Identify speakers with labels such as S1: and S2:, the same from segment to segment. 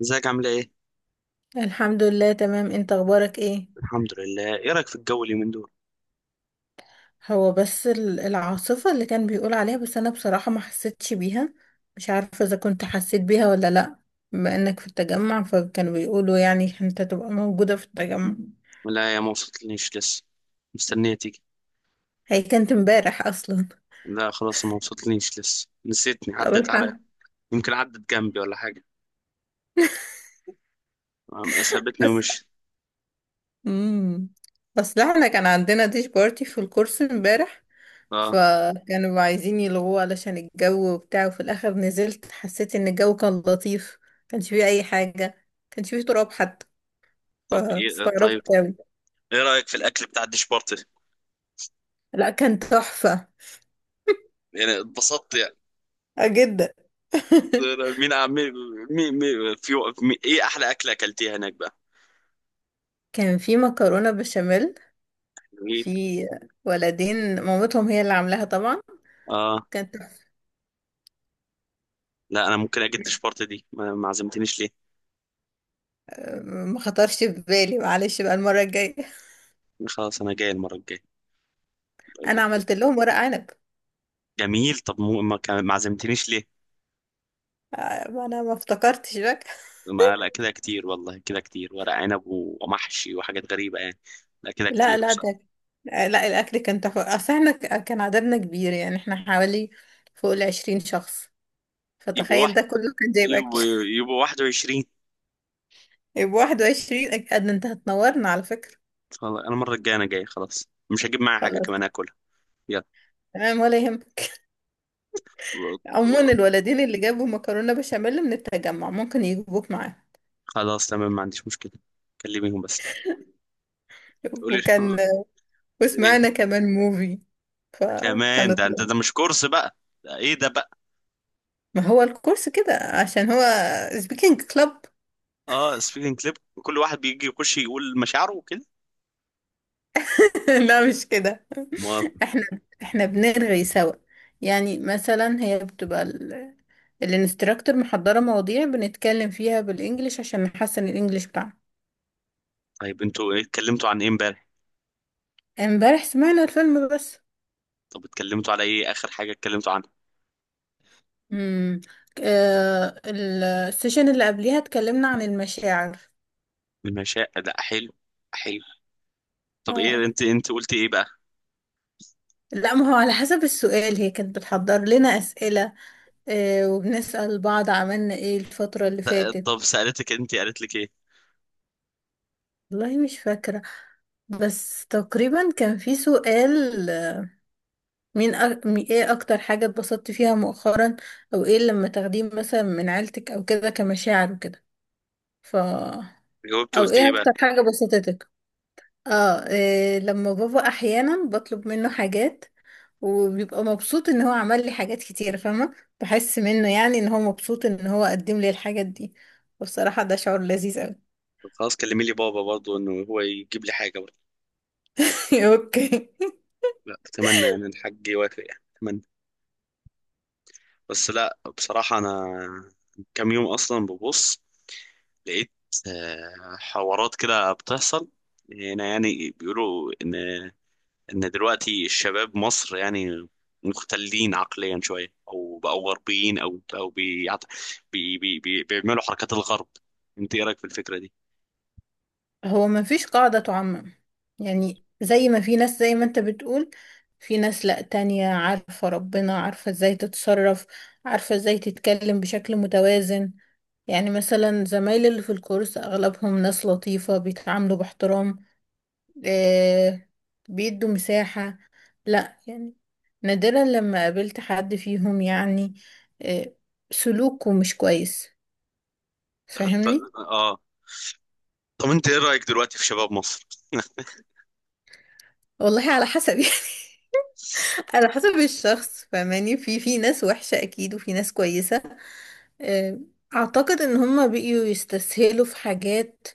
S1: ازيك عاملة ايه؟
S2: الحمد لله تمام، انت اخبارك ايه؟
S1: الحمد لله، ايه رأيك في الجو اليومين دول؟
S2: هو بس العاصفة اللي كان بيقول عليها، بس انا بصراحة ما حسيتش بيها. مش عارفة اذا كنت حسيت بيها ولا لا. بما انك في التجمع فكانوا بيقولوا يعني انت تبقى موجودة في التجمع.
S1: لا يا ما وصلتليش لسه، مستنية تيجي.
S2: هي كانت امبارح اصلا.
S1: لا خلاص ما وصلتليش لسه، نسيتني
S2: طب
S1: عدت عليا،
S2: الحمد.
S1: يمكن عدت جنبي ولا حاجة. سابتني
S2: بس
S1: ومشيت.
S2: امم اصل احنا كان عندنا ديش بارتي في الكورس امبارح،
S1: اه،
S2: فكانوا عايزين يلغوه علشان الجو وبتاع، وفي الاخر نزلت حسيت ان الجو كان لطيف. كانش فيه اي حاجة، كانش فيه تراب حتى.
S1: طب ايه طيب،
S2: فاستغربت أوي.
S1: ايه رأيك في الأكل بتاع الدشبورتي؟
S2: لا، كان تحفة.
S1: يعني اتبسطت يعني؟
S2: جدا.
S1: مين عم مين مين مين- في مين ايه أحلى أكلة أكلتيها هناك بقى؟
S2: كان في مكرونة بشاميل.
S1: جميل.
S2: في ولدين مامتهم هي اللي عاملاها طبعا.
S1: اه،
S2: كانت تحفة.
S1: لا أنا ممكن أجيب دشبورتي دي، ما عزمتنيش ليه؟
S2: ما خطرش في بالي، معلش بقى المرة الجاية.
S1: خلاص أنا جاي المرة الجاية.
S2: أنا عملت لهم ورق عنب.
S1: جميل، طب ما عزمتنيش ليه؟
S2: ما أنا ما افتكرتش بقى.
S1: ما لا كده كتير والله، كده كتير ورق عنب ومحشي وحاجات غريبة يعني. لا كده
S2: لا
S1: كتير
S2: لا ده،
S1: بصراحة.
S2: لا الأكل كان تحفة. أصل احنا كان عددنا كبير، يعني احنا حوالي فوق ال20 شخص.
S1: يبقوا
S2: فتخيل
S1: واحد،
S2: ده كله كان جايب أكل.
S1: يبقوا يبقوا 21.
S2: يبقى 21 أكيد. أنت هتنورنا على فكرة.
S1: والله أنا المرة الجاية أنا جاي، خلاص مش هجيب معايا حاجة
S2: خلاص
S1: كمان آكلها. يلا.
S2: تمام ولا يهمك.
S1: و-
S2: عموما
S1: و-
S2: الولدين اللي جابوا مكرونة بشاميل من التجمع ممكن يجيبوك معاهم.
S1: خلاص تمام، ما عنديش مشكلة. كلميهم بس، قولي.
S2: وكان،
S1: إيه؟
S2: وسمعنا كمان موفي.
S1: كمان؟
S2: فكانت،
S1: ده أنت ده مش كورس بقى، ده إيه ده بقى؟
S2: ما هو الكورس كده عشان هو سبيكينج كلاب.
S1: أه، سبيكينج كليب، كل واحد بيجي يخش يقول مشاعره وكده.
S2: لا، مش كده.
S1: ما
S2: احنا، بنرغي سوا. يعني مثلا هي بتبقى الانستراكتور محضرة مواضيع بنتكلم فيها بالانجليش عشان نحسن الانجليش بتاعنا.
S1: طيب أنتوا إيه اتكلمتوا عن إيه إمبارح؟
S2: امبارح سمعنا الفيلم بس.
S1: طب اتكلمتوا على إيه آخر حاجة اتكلمتوا عنها؟
S2: امم السيشن اللي قبليها اتكلمنا عن المشاعر.
S1: المشاعر؟ لا حلو، حلو. طب
S2: اه
S1: ايه،
S2: يعني.
S1: انت قلتي ايه بقى؟
S2: لا ما هو على حسب السؤال، هي كانت بتحضر لنا أسئلة. آه، وبنسأل بعض عملنا ايه الفترة اللي فاتت.
S1: طب سألتك، انت قالت لك ايه؟
S2: والله مش فاكرة، بس تقريبا كان في سؤال، ايه أكتر حاجة اتبسطت فيها مؤخرا؟ أو ايه لما تاخديه مثلا من عيلتك أو كده كمشاعر وكده. ف
S1: جاوبت
S2: أو
S1: قلت
S2: ايه
S1: ايه بقى؟
S2: أكتر حاجة بسطتك. اه، إيه لما بابا أحيانا بطلب منه حاجات وبيبقى مبسوط ان هو عمل لي حاجات كتير، فاهمة؟ بحس منه يعني ان هو مبسوط ان هو قدم لي الحاجات دي. والصراحة ده شعور لذيذ قوي.
S1: طب خلاص كلمي لي بابا برضو انه هو يجيب لي حاجه برضو.
S2: اوكي.
S1: لا اتمنى يعني، الحاج يوافق يعني اتمنى. بس لا بصراحه انا كام يوم اصلا ببص، لقيت حوارات كده بتحصل هنا يعني. بيقولوا ان، ان دلوقتي الشباب مصر يعني مختلين عقليا شويه، او بقوا غربيين، او بيعت... بي... بي... بي... بيعملوا حركات الغرب. انت ايه رايك في الفكره دي؟
S2: هو ما فيش قاعدة تعمم. يعني زي ما في ناس زي ما انت بتقول، في ناس لا تانية عارفة ربنا، عارفة ازاي تتصرف، عارفة ازاي تتكلم بشكل متوازن. يعني مثلا زمايلي اللي في الكورس اغلبهم ناس لطيفة، بيتعاملوا باحترام، آه، بيدوا مساحة. لا يعني نادرا لما قابلت حد فيهم يعني آه سلوكه مش كويس.
S1: ط-
S2: فاهمني؟
S1: اه. طب انت ايه رايك دلوقتي في شباب مصر؟
S2: والله على حسب. يعني على حسب الشخص، فاهماني؟ في ناس وحشة أكيد وفي ناس كويسة. آه، أعتقد إن هما بقيوا يستسهلوا في حاجات،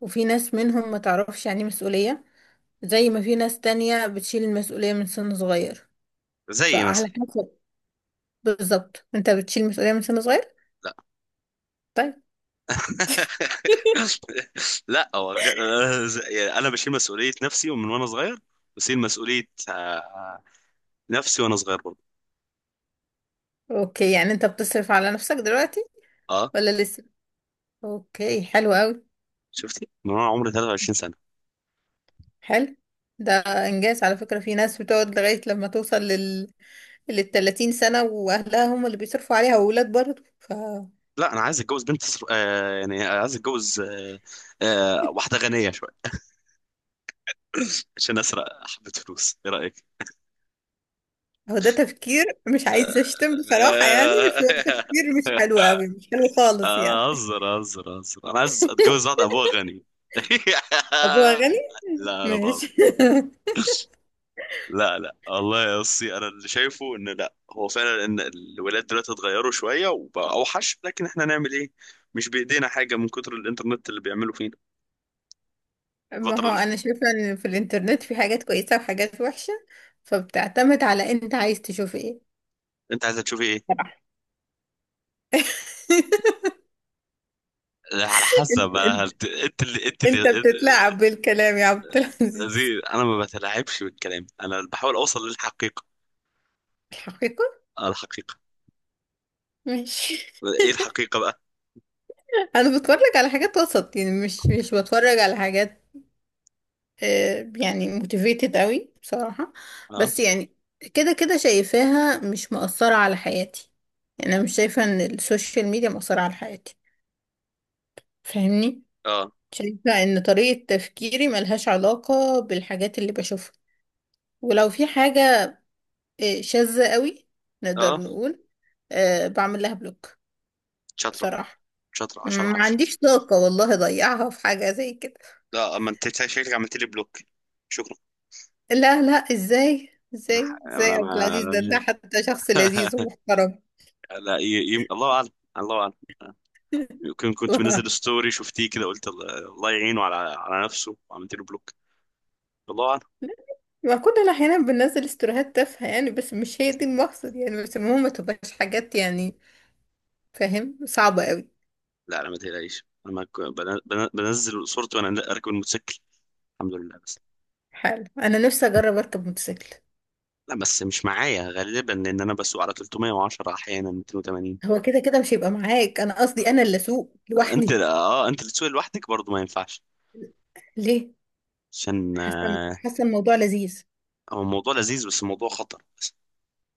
S2: وفي ناس منهم ما تعرفش يعني مسؤولية. زي ما في ناس تانية بتشيل المسؤولية من سن صغير.
S1: زي
S2: فعلى
S1: مثلا؟
S2: حسب. بالظبط انت بتشيل مسؤولية من سن صغير؟
S1: لا.
S2: طيب.
S1: لا هو يعني انا بشيل مسؤوليه نفسي ومن وانا صغير. بشيل مسؤوليه، آه، نفسي وانا صغير برضه.
S2: اوكي، يعني انت بتصرف على نفسك دلوقتي
S1: اه،
S2: ولا لسه؟ اوكي، حلو قوي.
S1: شفتي، من وانا عمري 23.
S2: حلو. ده انجاز على فكرة. في ناس بتقعد لغاية لما توصل لل 30 سنة، واهلها هم اللي بيصرفوا عليها، واولاد برضه. ف
S1: لا انا عايز اتجوز بنت آه يعني عايز اتجوز، آه آه، واحده غنيه شويه عشان اسرق حبه فلوس. ايه رايك؟
S2: هو ده تفكير؟ مش عايزة
S1: آه...
S2: اشتم بصراحة يعني، بس هو تفكير مش حلو قوي، مش حلو خالص
S1: انا
S2: يعني.
S1: اهزر اهزر، انا عايز اتجوز واحده ابوها غني.
S2: ابوها غني.
S1: لا انا بقى.
S2: ماشي.
S1: لا والله يا اسطى، انا اللي شايفه ان لا، هو فعلا ان الولاد دلوقتي اتغيروا شويه وبقى اوحش، لكن احنا نعمل ايه؟ مش بايدينا حاجه من كتر الانترنت اللي بيعملوا فينا.
S2: ما
S1: الفتره
S2: هو
S1: اللي،
S2: انا شايفه ان في الانترنت في حاجات كويسه وحاجات وحشه، فبتعتمد على انت عايز تشوف ايه.
S1: انت عايز تشوف ايه؟
S2: صراحة.
S1: على حسب. أنا هت- انت اللي انت
S2: انت
S1: اللي انت-
S2: بتتلاعب بالكلام يا عبد العزيز.
S1: زي، انا ما بتلاعبش بالكلام، انا بحاول اوصل للحقيقه.
S2: الحقيقة؟
S1: آه، الحقيقه.
S2: ماشي.
S1: ايه الحقيقه بقى؟
S2: انا بتفرج على حاجات وسط، يعني مش بتفرج على حاجات يعني موتيفيتد قوي بصراحة.
S1: اه
S2: بس يعني كده كده شايفاها مش مؤثرة على حياتي. يعني انا مش شايفة ان السوشيال ميديا مؤثرة على حياتي، فاهمني؟
S1: اه
S2: شايفة ان طريقة تفكيري ملهاش علاقة بالحاجات اللي بشوفها. ولو في حاجة شاذة قوي نقدر
S1: اه
S2: نقول، بعمل لها بلوك.
S1: شاطره.
S2: بصراحة
S1: شاطره
S2: ما
S1: 10 10.
S2: عنديش طاقة والله أضيعها في حاجة زي كده.
S1: لا ما انت شكلك عملت لي بلوك. شكرا.
S2: لا لا، إزاي؟ إزاي
S1: انا
S2: إزاي
S1: انا
S2: عبد العزيز؟ ده
S1: ما-
S2: حتى شخص لذيذ ومحترم.
S1: لا الله اعلم. الله اعلم. كنت منزل ستوري شفتيه كده، قلت الله، الله يعينه على نفسه، وعملت له بلوك. الله اعلم.
S2: ما كنا أحيانا بننزل استوريهات تافهة يعني، بس مش هي دي المقصد يعني، بس المهم ما تبقاش حاجات يعني فاهم، صعبة قوي.
S1: لا انا ما تقلقيش، انا ما ك- بن- بن- بنزل صورتي وانا اركب الموتوسيكل. الحمد لله.
S2: حلو، أنا نفسي أجرب أركب موتوسيكل.
S1: لا بس مش معايا غالبا، لان انا بسوق على 310، احيانا 280.
S2: هو كده كده مش هيبقى معاك، أنا قصدي أنا اللي أسوق
S1: انت
S2: لوحدي.
S1: اه، انت اللي تسوق لوحدك برضه ما ينفعش.
S2: ليه؟
S1: عشان
S2: حاسة
S1: آه،
S2: حاسة الموضوع لذيذ.
S1: هو الموضوع لذيذ، بس الموضوع خطر بس.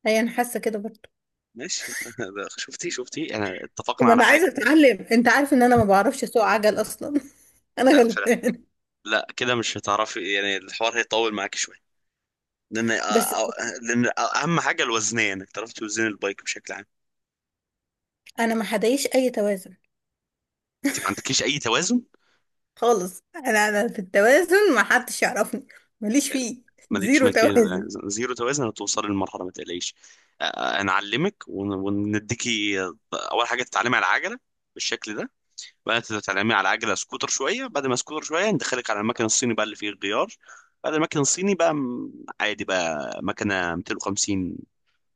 S2: هي أنا حاسة كده برضه.
S1: ماشي شفتي شفتي، انا اتفقنا
S2: ما
S1: على
S2: انا
S1: حاجه.
S2: عايزه اتعلم، انت عارف ان انا ما بعرفش اسوق عجل اصلا. انا
S1: لا فلا
S2: غلبان.
S1: لا كده مش هتعرفي يعني، الحوار هيطول معاك شويه. لان
S2: بس
S1: لان اهم حاجه الوزنيه، انك تعرف توزن البايك بشكل عام.
S2: انا ما حدايش اي توازن
S1: انت ما عندكيش اي توازن.
S2: خالص. انا في التوازن ما حدش يعرفني، ماليش فيه.
S1: مالكش
S2: زيرو
S1: مكان،
S2: توازن.
S1: زيرو توازن. هتوصلي للمرحله ما تقلقيش. آه، هنعلمك ونديكي آه، اول حاجه تتعلمي على العجله بالشكل ده. بعدين تتعلمي على العجله سكوتر شويه، بعد ما سكوتر شويه ندخلك على المكن الصيني بقى اللي فيه الغيار. بعد المكن الصيني بقى عادي بقى، مكنه 250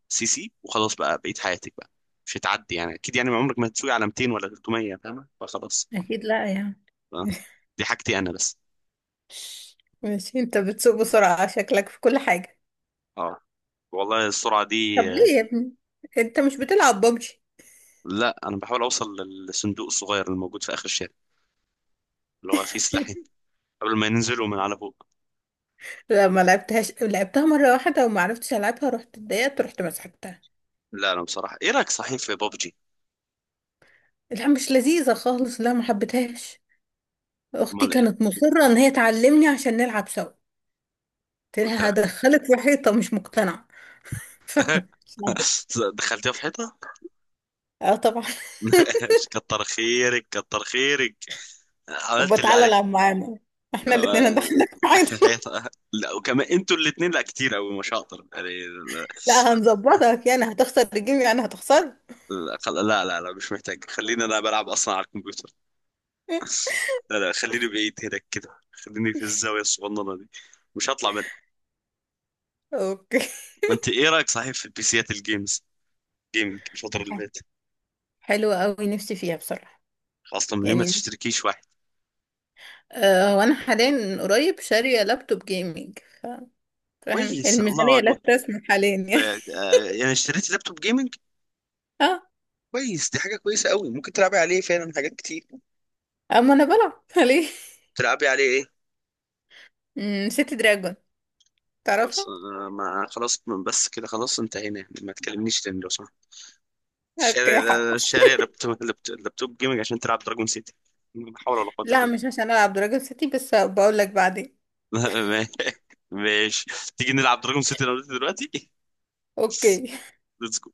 S1: سي سي وخلاص بقى، بقيت حياتك بقى. مش هتعدي يعني، اكيد يعني عمرك ما هتسوقي على 200 ولا 300 فاهمه، فخلاص.
S2: اكيد لا يعني.
S1: آه، دي حاجتي انا بس.
S2: ماشي، انت بتسوق بسرعه شكلك في كل حاجه.
S1: اه، والله السرعه دي.
S2: طب ليه يا ابني؟ انت مش بتلعب ببجي؟
S1: لا انا بحاول اوصل للصندوق الصغير اللي موجود في اخر الشارع، اللي هو فيه سلاحين، قبل ما ينزلوا من على فوق.
S2: لا ما لعبتهاش، لعبتها مره واحده وما عرفتش العبها، رحت اتضايقت رحت مسحتها.
S1: لا انا بصراحه، ايه رايك صحيح في بابجي؟
S2: لا، مش لذيذه خالص، لا ما حبيتهاش. اختي
S1: امال ايه؟
S2: كانت مصرة ان هي تعلمني عشان نلعب سوا، قلت
S1: طب
S2: لها
S1: تلعب.
S2: هدخلك في حيطة، مش مقتنعة. ف...
S1: دخلتيها في حيطه؟
S2: اه طبعا.
S1: كتر خيرك كتر خيرك، عملت
S2: طب
S1: اللي
S2: تعالى
S1: عليك.
S2: العب معانا، احنا الاتنين
S1: آه،
S2: هندخلك في
S1: اخر
S2: حيطة.
S1: حيطه، لا وكمان انتوا الاثنين، لا كتير قوي مش هقدر يعني، لا.
S2: لا هنظبطك يعني، هتخسر الجيم يعني، هتخسر.
S1: لا لا لا، مش محتاج، خليني انا بلعب اصلا على الكمبيوتر. لا لا، خليني بعيد هناك كده، خليني في الزاويه الصغننه دي، مش هطلع.
S2: اوكي.
S1: انت ايه رايك صحيح في البيسيات الجيمز جيمنج الفتره اللي فاتت؟
S2: حلوة قوي نفسي فيها بصراحة،
S1: خاصه من، ليه ما
S2: يعني
S1: تشتركيش واحد؟
S2: آه وانا حاليا قريب شارية لابتوب جيمنج، فاهم؟
S1: كويس، الله
S2: الميزانية لا
S1: اكبر.
S2: تسمح حاليا يعني.
S1: آه، آه، يعني اشتريت لابتوب جيمنج؟
S2: اه.
S1: كويس، دي حاجه كويسه قوي، ممكن تلعبي عليه فعلا حاجات كتير.
S2: اما انا بلعب. ليه؟
S1: تلعبي عليه ايه؟
S2: سيتي دراجون،
S1: خلاص
S2: تعرفها؟
S1: آه، ما خلاص بس كده، خلاص انتهينا يعني، ما تكلمنيش تاني لو سمحت. الشارع
S2: اوكي.
S1: ده- الشارع لابتوب لابتوب جيمنج عشان تلعب دراجون سيتي؟ لا حول ولا قوه الا
S2: لا، مش
S1: بالله.
S2: عشان العب درجة ستي، بس بقول لك بعدين.
S1: ماشي، تيجي نلعب دراجون سيتي انا وانت دلوقتي؟
S2: اوكي.
S1: ليتس